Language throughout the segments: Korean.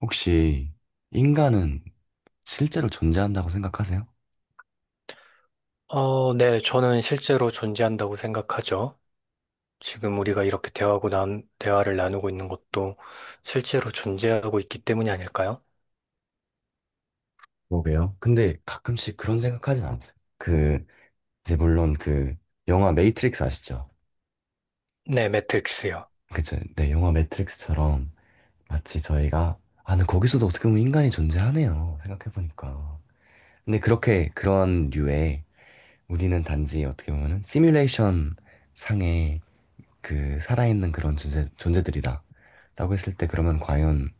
혹시 인간은 실제로 존재한다고 생각하세요? 네, 저는 실제로 존재한다고 생각하죠. 지금 우리가 이렇게 대화를 나누고 있는 것도 실제로 존재하고 있기 때문이 아닐까요? 그러게요. 근데 가끔씩 그런 생각하진 않으세요? 그, 이제 물론 그 영화 매트릭스 아시죠? 네, 매트릭스요. 그쵸? 네, 영화 매트릭스처럼 마치 저희가, 아, 근데 거기서도 어떻게 보면 인간이 존재하네요. 생각해보니까. 근데 그렇게 그런 류의, 우리는 단지 어떻게 보면은 시뮬레이션 상의 그 살아있는 그런 존재, 존재들이다라고 했을 때 그러면 과연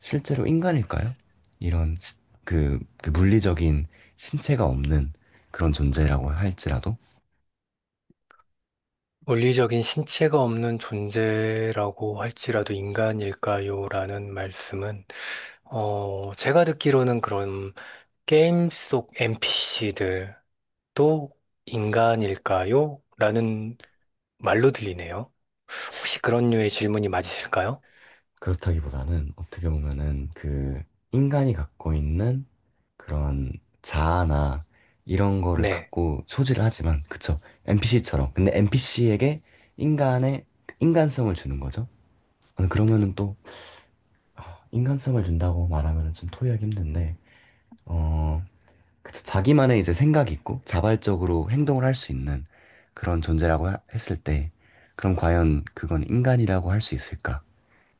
실제로 인간일까요? 이런 시- 그 물리적인 신체가 없는 그런 존재라고 할지라도. 물리적인 신체가 없는 존재라고 할지라도 인간일까요? 라는 말씀은, 제가 듣기로는 그런 게임 속 NPC들도 인간일까요? 라는 말로 들리네요. 혹시 그런 류의 질문이 맞으실까요? 그렇다기보다는 어떻게 보면은 그 인간이 갖고 있는 그런 자아나 이런 거를 네. 갖고 소지를 하지만, 그쵸, NPC처럼. 근데 NPC에게 인간의 인간성을 주는 거죠. 아, 그러면은 또, 아, 인간성을 준다고 말하면은 좀 토의하기 힘든데 어 그쵸. 자기만의 이제 생각이 있고 자발적으로 행동을 할 수 있는 그런 존재라고 했을 때, 그럼 과연 그건 인간이라고 할 수 있을까에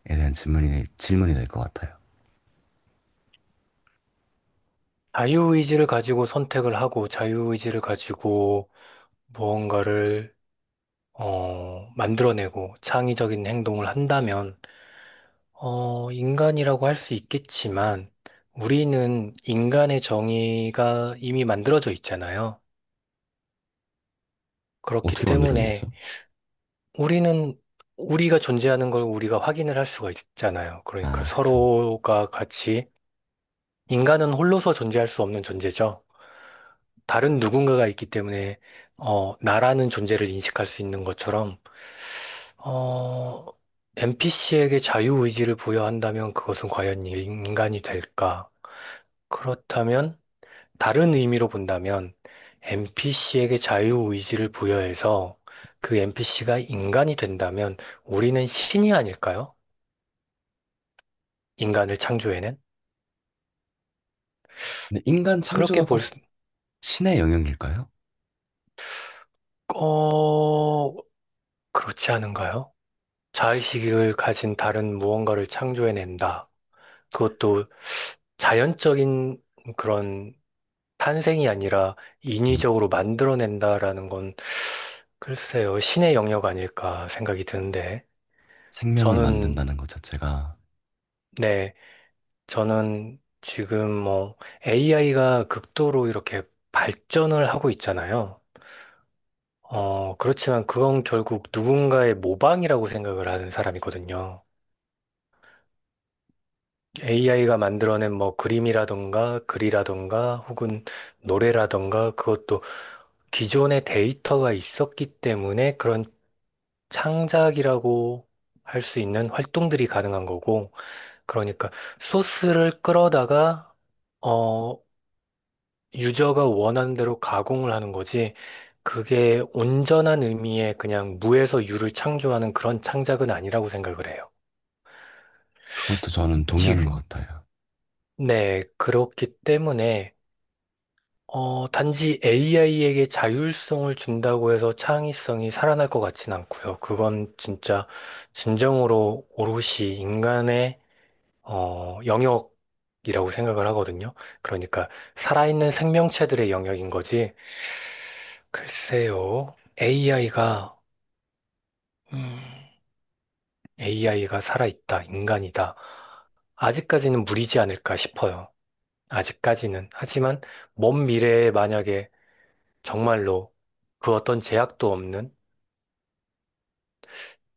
대한 질문이 될 것 같아요. 자유의지를 가지고 선택을 하고 자유의지를 가지고 무언가를 만들어내고 창의적인 행동을 한다면 인간이라고 할 수 있겠지만 우리는 인간의 정의가 이미 만들어져 있잖아요. 그렇기 어떻게 만들어져 때문에 있죠? 우리는 우리가 존재하는 걸 우리가 확인을 할 수가 있잖아요. 그러니까 아, 그쵸. 서로가 같이 인간은 홀로서 존재할 수 없는 존재죠. 다른 누군가가 있기 때문에 나라는 존재를 인식할 수 있는 것처럼 어, NPC에게 자유의지를 부여한다면 그것은 과연 인간이 될까? 그렇다면 다른 의미로 본다면 NPC에게 자유의지를 부여해서 그 NPC가 인간이 된다면 우리는 신이 아닐까요? 인간을 창조해낸? 근데 인간 그렇게 창조가 볼 꼭 수, 신의 영역일까요? 어, 그렇지 않은가요? 자의식을 가진 다른 무언가를 창조해낸다. 그것도 자연적인 그런 탄생이 아니라 음, 인위적으로 만들어낸다라는 건 글쎄요, 신의 영역 아닐까 생각이 드는데 생명을 저는 만든다는 것 자체가. 네, 저는 지금 뭐 AI가 극도로 이렇게 발전을 하고 있잖아요. 그렇지만 그건 결국 누군가의 모방이라고 생각을 하는 사람이거든요. AI가 만들어낸 뭐 그림이라던가 글이라던가 혹은 노래라던가 그것도 기존의 데이터가 있었기 때문에 그런 창작이라고 할 수 있는 활동들이 가능한 거고, 그러니까 소스를 끌어다가, 어, 유저가 원하는 대로 가공을 하는 거지, 그게 온전한 의미의 그냥 무에서 유를 창조하는 그런 창작은 아니라고 생각을 해요. 그것도 저는 동의하는 지금, 것 같아요. 네, 그렇기 때문에 단지 AI에게 자율성을 준다고 해서 창의성이 살아날 것 같진 않고요. 그건 진짜 진정으로 오롯이 인간의 영역이라고 생각을 하거든요. 그러니까 살아있는 생명체들의 영역인 거지. 글쎄요, AI가 AI가 살아있다, 인간이다. 아직까지는 무리지 않을까 싶어요. 아직까지는. 하지만 먼 미래에 만약에 정말로 그 어떤 제약도 없는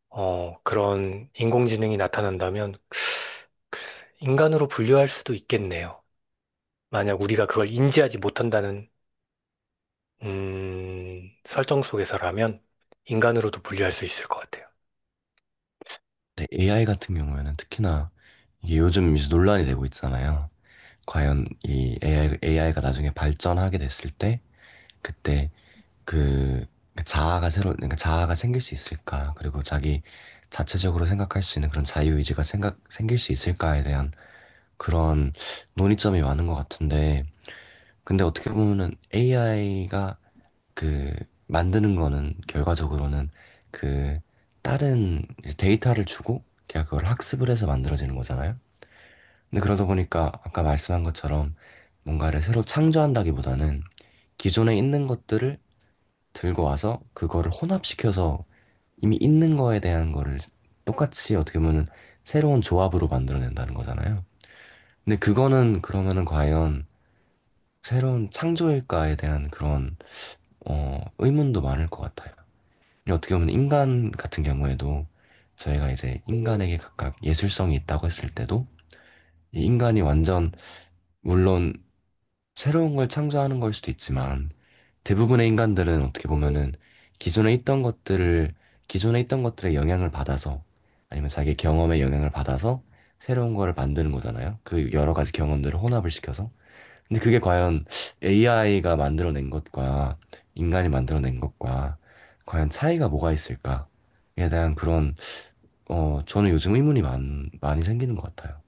그런 인공지능이 나타난다면 인간으로 분류할 수도 있겠네요. 만약 우리가 그걸 인지하지 못한다는 설정 속에서라면 인간으로도 분류할 수 있을 것 같아요. 근데 AI 같은 경우에는 특히나 이게 요즘 이제 논란이 되고 있잖아요. 과연 이 AI가 나중에 발전하게 됐을 때, 그때 그 그러니까 자아가 생길 수 있을까? 그리고 자기 자체적으로 생각할 수 있는 그런 자유의지가 생각 생길 수 있을까에 대한 그런 논의점이 많은 것 같은데, 근데 어떻게 보면은 AI가 그 만드는 거는 결과적으로는 그 다른 이제 데이터를 주고 걔가 그걸 학습을 해서 만들어지는 거잖아요. 근데 그러다 보니까 아까 말씀한 것처럼 뭔가를 새로 창조한다기보다는 기존에 있는 것들을 들고 와서 그거를 혼합시켜서 이미 있는 거에 대한 거를 똑같이 어떻게 보면은 새로운 조합으로 만들어낸다는 거잖아요. 근데 그거는 그러면은 과연 새로운 창조일까에 대한 그런, 의문도 많을 것 같아요. 근데 어떻게 보면 인간 같은 경우에도, 저희가 이제 인간에게 각각 예술성이 있다고 했을 때도, 이 인간이 완전, 물론 새로운 걸 창조하는 걸 수도 있지만 대부분의 인간들은 어떻게 보면은 기존에 있던 것들을, 기존에 있던 것들의 영향을 받아서, 아니면 자기 경험의 영향을 받아서 새로운 거를 만드는 거잖아요. 그 여러 가지 경험들을 혼합을 시켜서. 근데 그게 과연 AI가 만들어낸 것과 인간이 만들어낸 것과 과연 차이가 뭐가 있을까에 대한 그런, 저는 요즘 의문이 많이 생기는 것 같아요.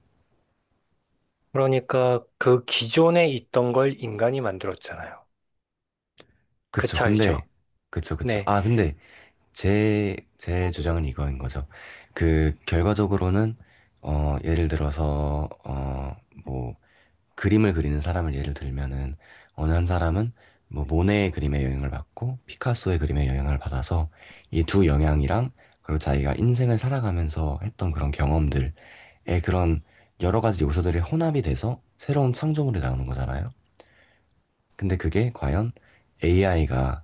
그러니까 그 기존에 있던 걸 인간이 만들었잖아요. 그 그쵸. 차이죠. 근데, 그쵸, 그쵸. 네. 아, 근데 제 주장은 이거인 거죠. 결과적으로는, 예를 들어서, 뭐, 그림을 그리는 사람을 예를 들면은, 어느 한 사람은, 뭐, 모네의 그림에 영향을 받고, 피카소의 그림에 영향을 받아서, 이 두 영향이랑, 그리고 자기가 인생을 살아가면서 했던 그런 경험들의 그런 여러 가지 요소들이 혼합이 돼서 새로운 창조물이 나오는 거잖아요. 근데 그게 과연 AI가,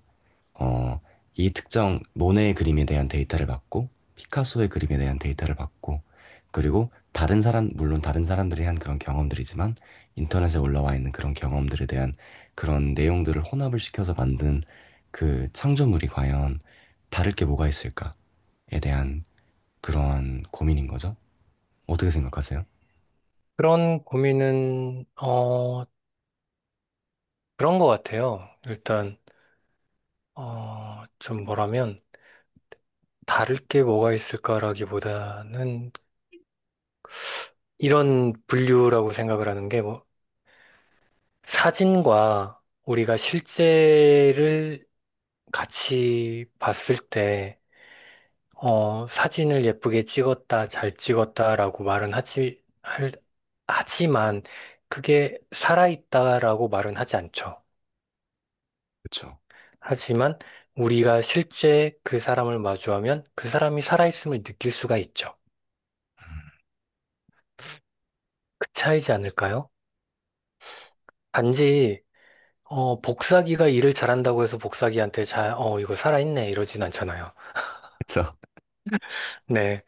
어, 이 특정 모네의 그림에 대한 데이터를 받고, 피카소의 그림에 대한 데이터를 받고, 그리고 다른 사람 물론 다른 사람들이 한 그런 경험들이지만 인터넷에 올라와 있는 그런 경험들에 대한 그런 내용들을 혼합을 시켜서 만든 그 창조물이 과연 다를 게 뭐가 있을까에 대한 그러한 고민인 거죠. 어떻게 생각하세요? 그런 고민은 그런 것 같아요. 일단 좀 뭐라면 다를 게 뭐가 있을까라기보다는 이런 분류라고 생각을 하는 게 뭐 사진과 우리가 실제를 같이 봤을 때 사진을 예쁘게 찍었다, 잘 찍었다라고 말은 하지 하지만 그게 살아있다라고 말은 하지 않죠. 그쵸. 하지만 우리가 실제 그 사람을 마주하면 그 사람이 살아있음을 느낄 수가 있죠. 그 차이지 않을까요? 단지 복사기가 일을 잘한다고 해서 복사기한테 이거 살아있네, 이러진 않잖아요. 그쵸. 네.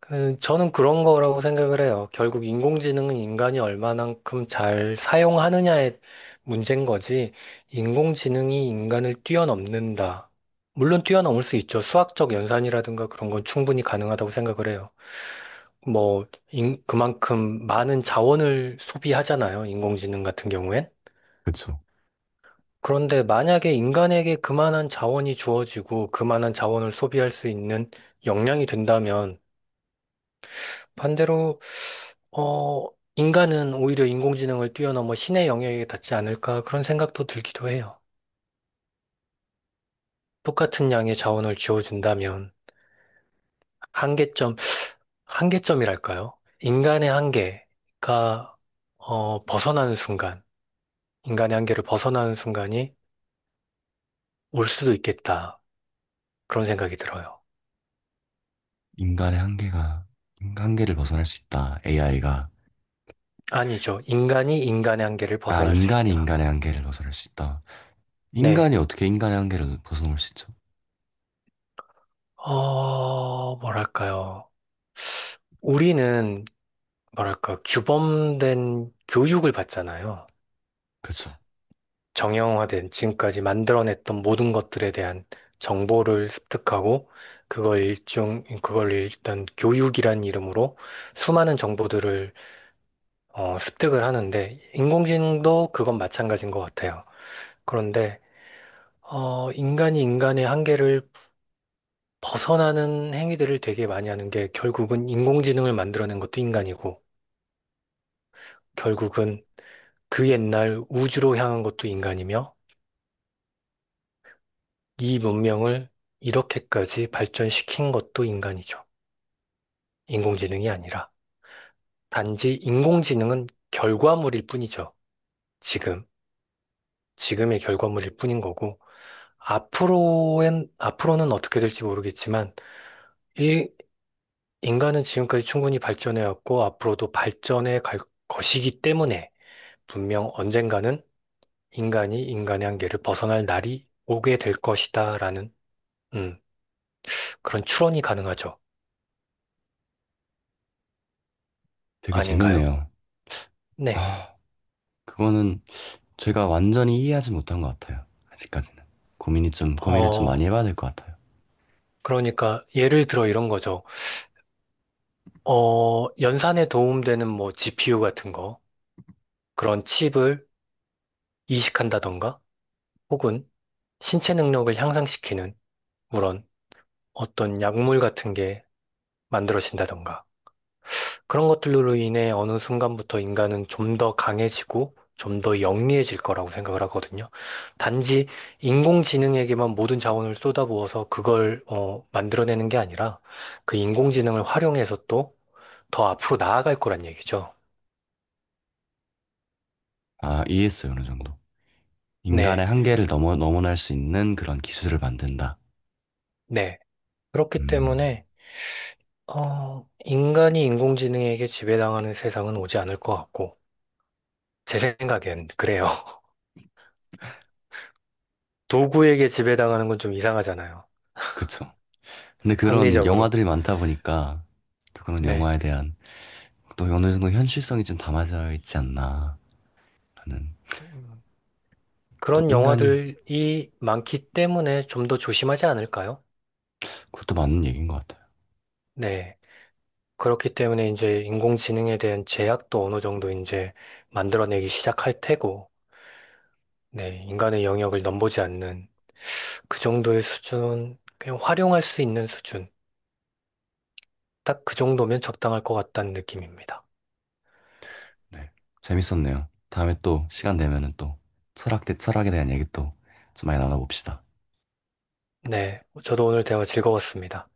저는 그런 거라고 생각을 해요. 결국 인공지능은 인간이 얼마만큼 잘 사용하느냐의 문제인 거지, 인공지능이 인간을 뛰어넘는다. 물론 뛰어넘을 수 있죠. 수학적 연산이라든가 그런 건 충분히 가능하다고 생각을 해요. 뭐, 그만큼 많은 자원을 소비하잖아요. 인공지능 같은 경우엔. 그쵸. 그런데 만약에 인간에게 그만한 자원이 주어지고 그만한 자원을 소비할 수 있는 역량이 된다면 반대로 어 인간은 오히려 인공지능을 뛰어넘어 신의 영역에 닿지 않을까 그런 생각도 들기도 해요. 똑같은 양의 자원을 지어준다면 한계점, 한계점이랄까요? 인간의 한계가 벗어나는 순간, 인간의 한계를 벗어나는 순간이 올 수도 있겠다. 그런 생각이 들어요. 인간의 한계가 인간 한계를 벗어날 수 있다. AI가. 아니죠. 인간이 인간의 한계를 아, 벗어날 수 인간이 있다. 인간의 한계를 벗어날 수 있다. 네. 인간이 어떻게 인간의 한계를 벗어넘을 수 있죠? 뭐랄까요. 우리는, 뭐랄까, 규범된 교육을 받잖아요. 그쵸. 정형화된 지금까지 만들어냈던 모든 것들에 대한 정보를 습득하고, 그걸 일단 교육이란 이름으로 수많은 정보들을 습득을 하는데, 인공지능도 그건 마찬가지인 것 같아요. 그런데, 인간이 인간의 한계를 벗어나는 행위들을 되게 많이 하는 게 결국은 인공지능을 만들어낸 것도 인간이고, 결국은 그 옛날 우주로 향한 것도 인간이며 이 문명을 이렇게까지 발전시킨 것도 인간이죠. 인공지능이 아니라. 단지 인공지능은 결과물일 뿐이죠. 지금, 지금의 결과물일 뿐인 거고, 앞으로는 어떻게 될지 모르겠지만, 이 인간은 지금까지 충분히 발전해왔고, 앞으로도 발전해 갈 것이기 때문에, 분명 언젠가는 인간이 인간의 한계를 벗어날 날이 오게 될 것이다라는 음, 그런 추론이 가능하죠. 되게 아닌가요? 재밌네요. 네. 아, 그거는 제가 완전히 이해하지 못한 것 같아요. 아직까지는. 고민을 좀 많이 어, 해봐야 될 것 같아요. 그러니까 예를 들어 이런 거죠. 연산에 도움되는 뭐 GPU 같은 거, 그런 칩을 이식한다던가, 혹은 신체 능력을 향상시키는, 물론 어떤 약물 같은 게 만들어진다던가. 그런 것들로 인해 어느 순간부터 인간은 좀 더 강해지고 좀 더 영리해질 거라고 생각을 하거든요. 단지 인공지능에게만 모든 자원을 쏟아부어서 그걸 만들어내는 게 아니라 그 인공지능을 활용해서 또 더 앞으로 나아갈 거란 얘기죠. 아, 이해했어요. 어느 정도. 인간의 네, 한계를 넘어날 수 있는 그런 기술을 만든다. 네. 그렇기 음, 때문에 인간이 인공지능에게 지배당하는 세상은 오지 않을 것 같고 제 생각엔 그래요. 도구에게 지배당하는 건 좀 이상하잖아요. 그쵸. 근데 그런 합리적으로. 영화들이 많다 보니까, 또 그런 네. 영화에 대한 또 어느 정도 현실성이 좀 담아져 있지 않나 하는. 음. 또 그런 인간이, 영화들이 많기 때문에 좀 더 조심하지 않을까요? 그것도 맞는 얘기인 것 같아요. 네. 그렇기 때문에 이제 인공지능에 대한 제약도 어느 정도 이제 만들어내기 시작할 테고, 네. 인간의 영역을 넘보지 않는 그 정도의 수준은 그냥 활용할 수 있는 수준. 딱 그 정도면 적당할 것 같다는 느낌입니다. 네. 재밌었네요. 다음에 또 시간 되면은 또 철학 대 철학에 대한 얘기 또 좀 많이 나눠봅시다. 네. 저도 오늘 대화 즐거웠습니다.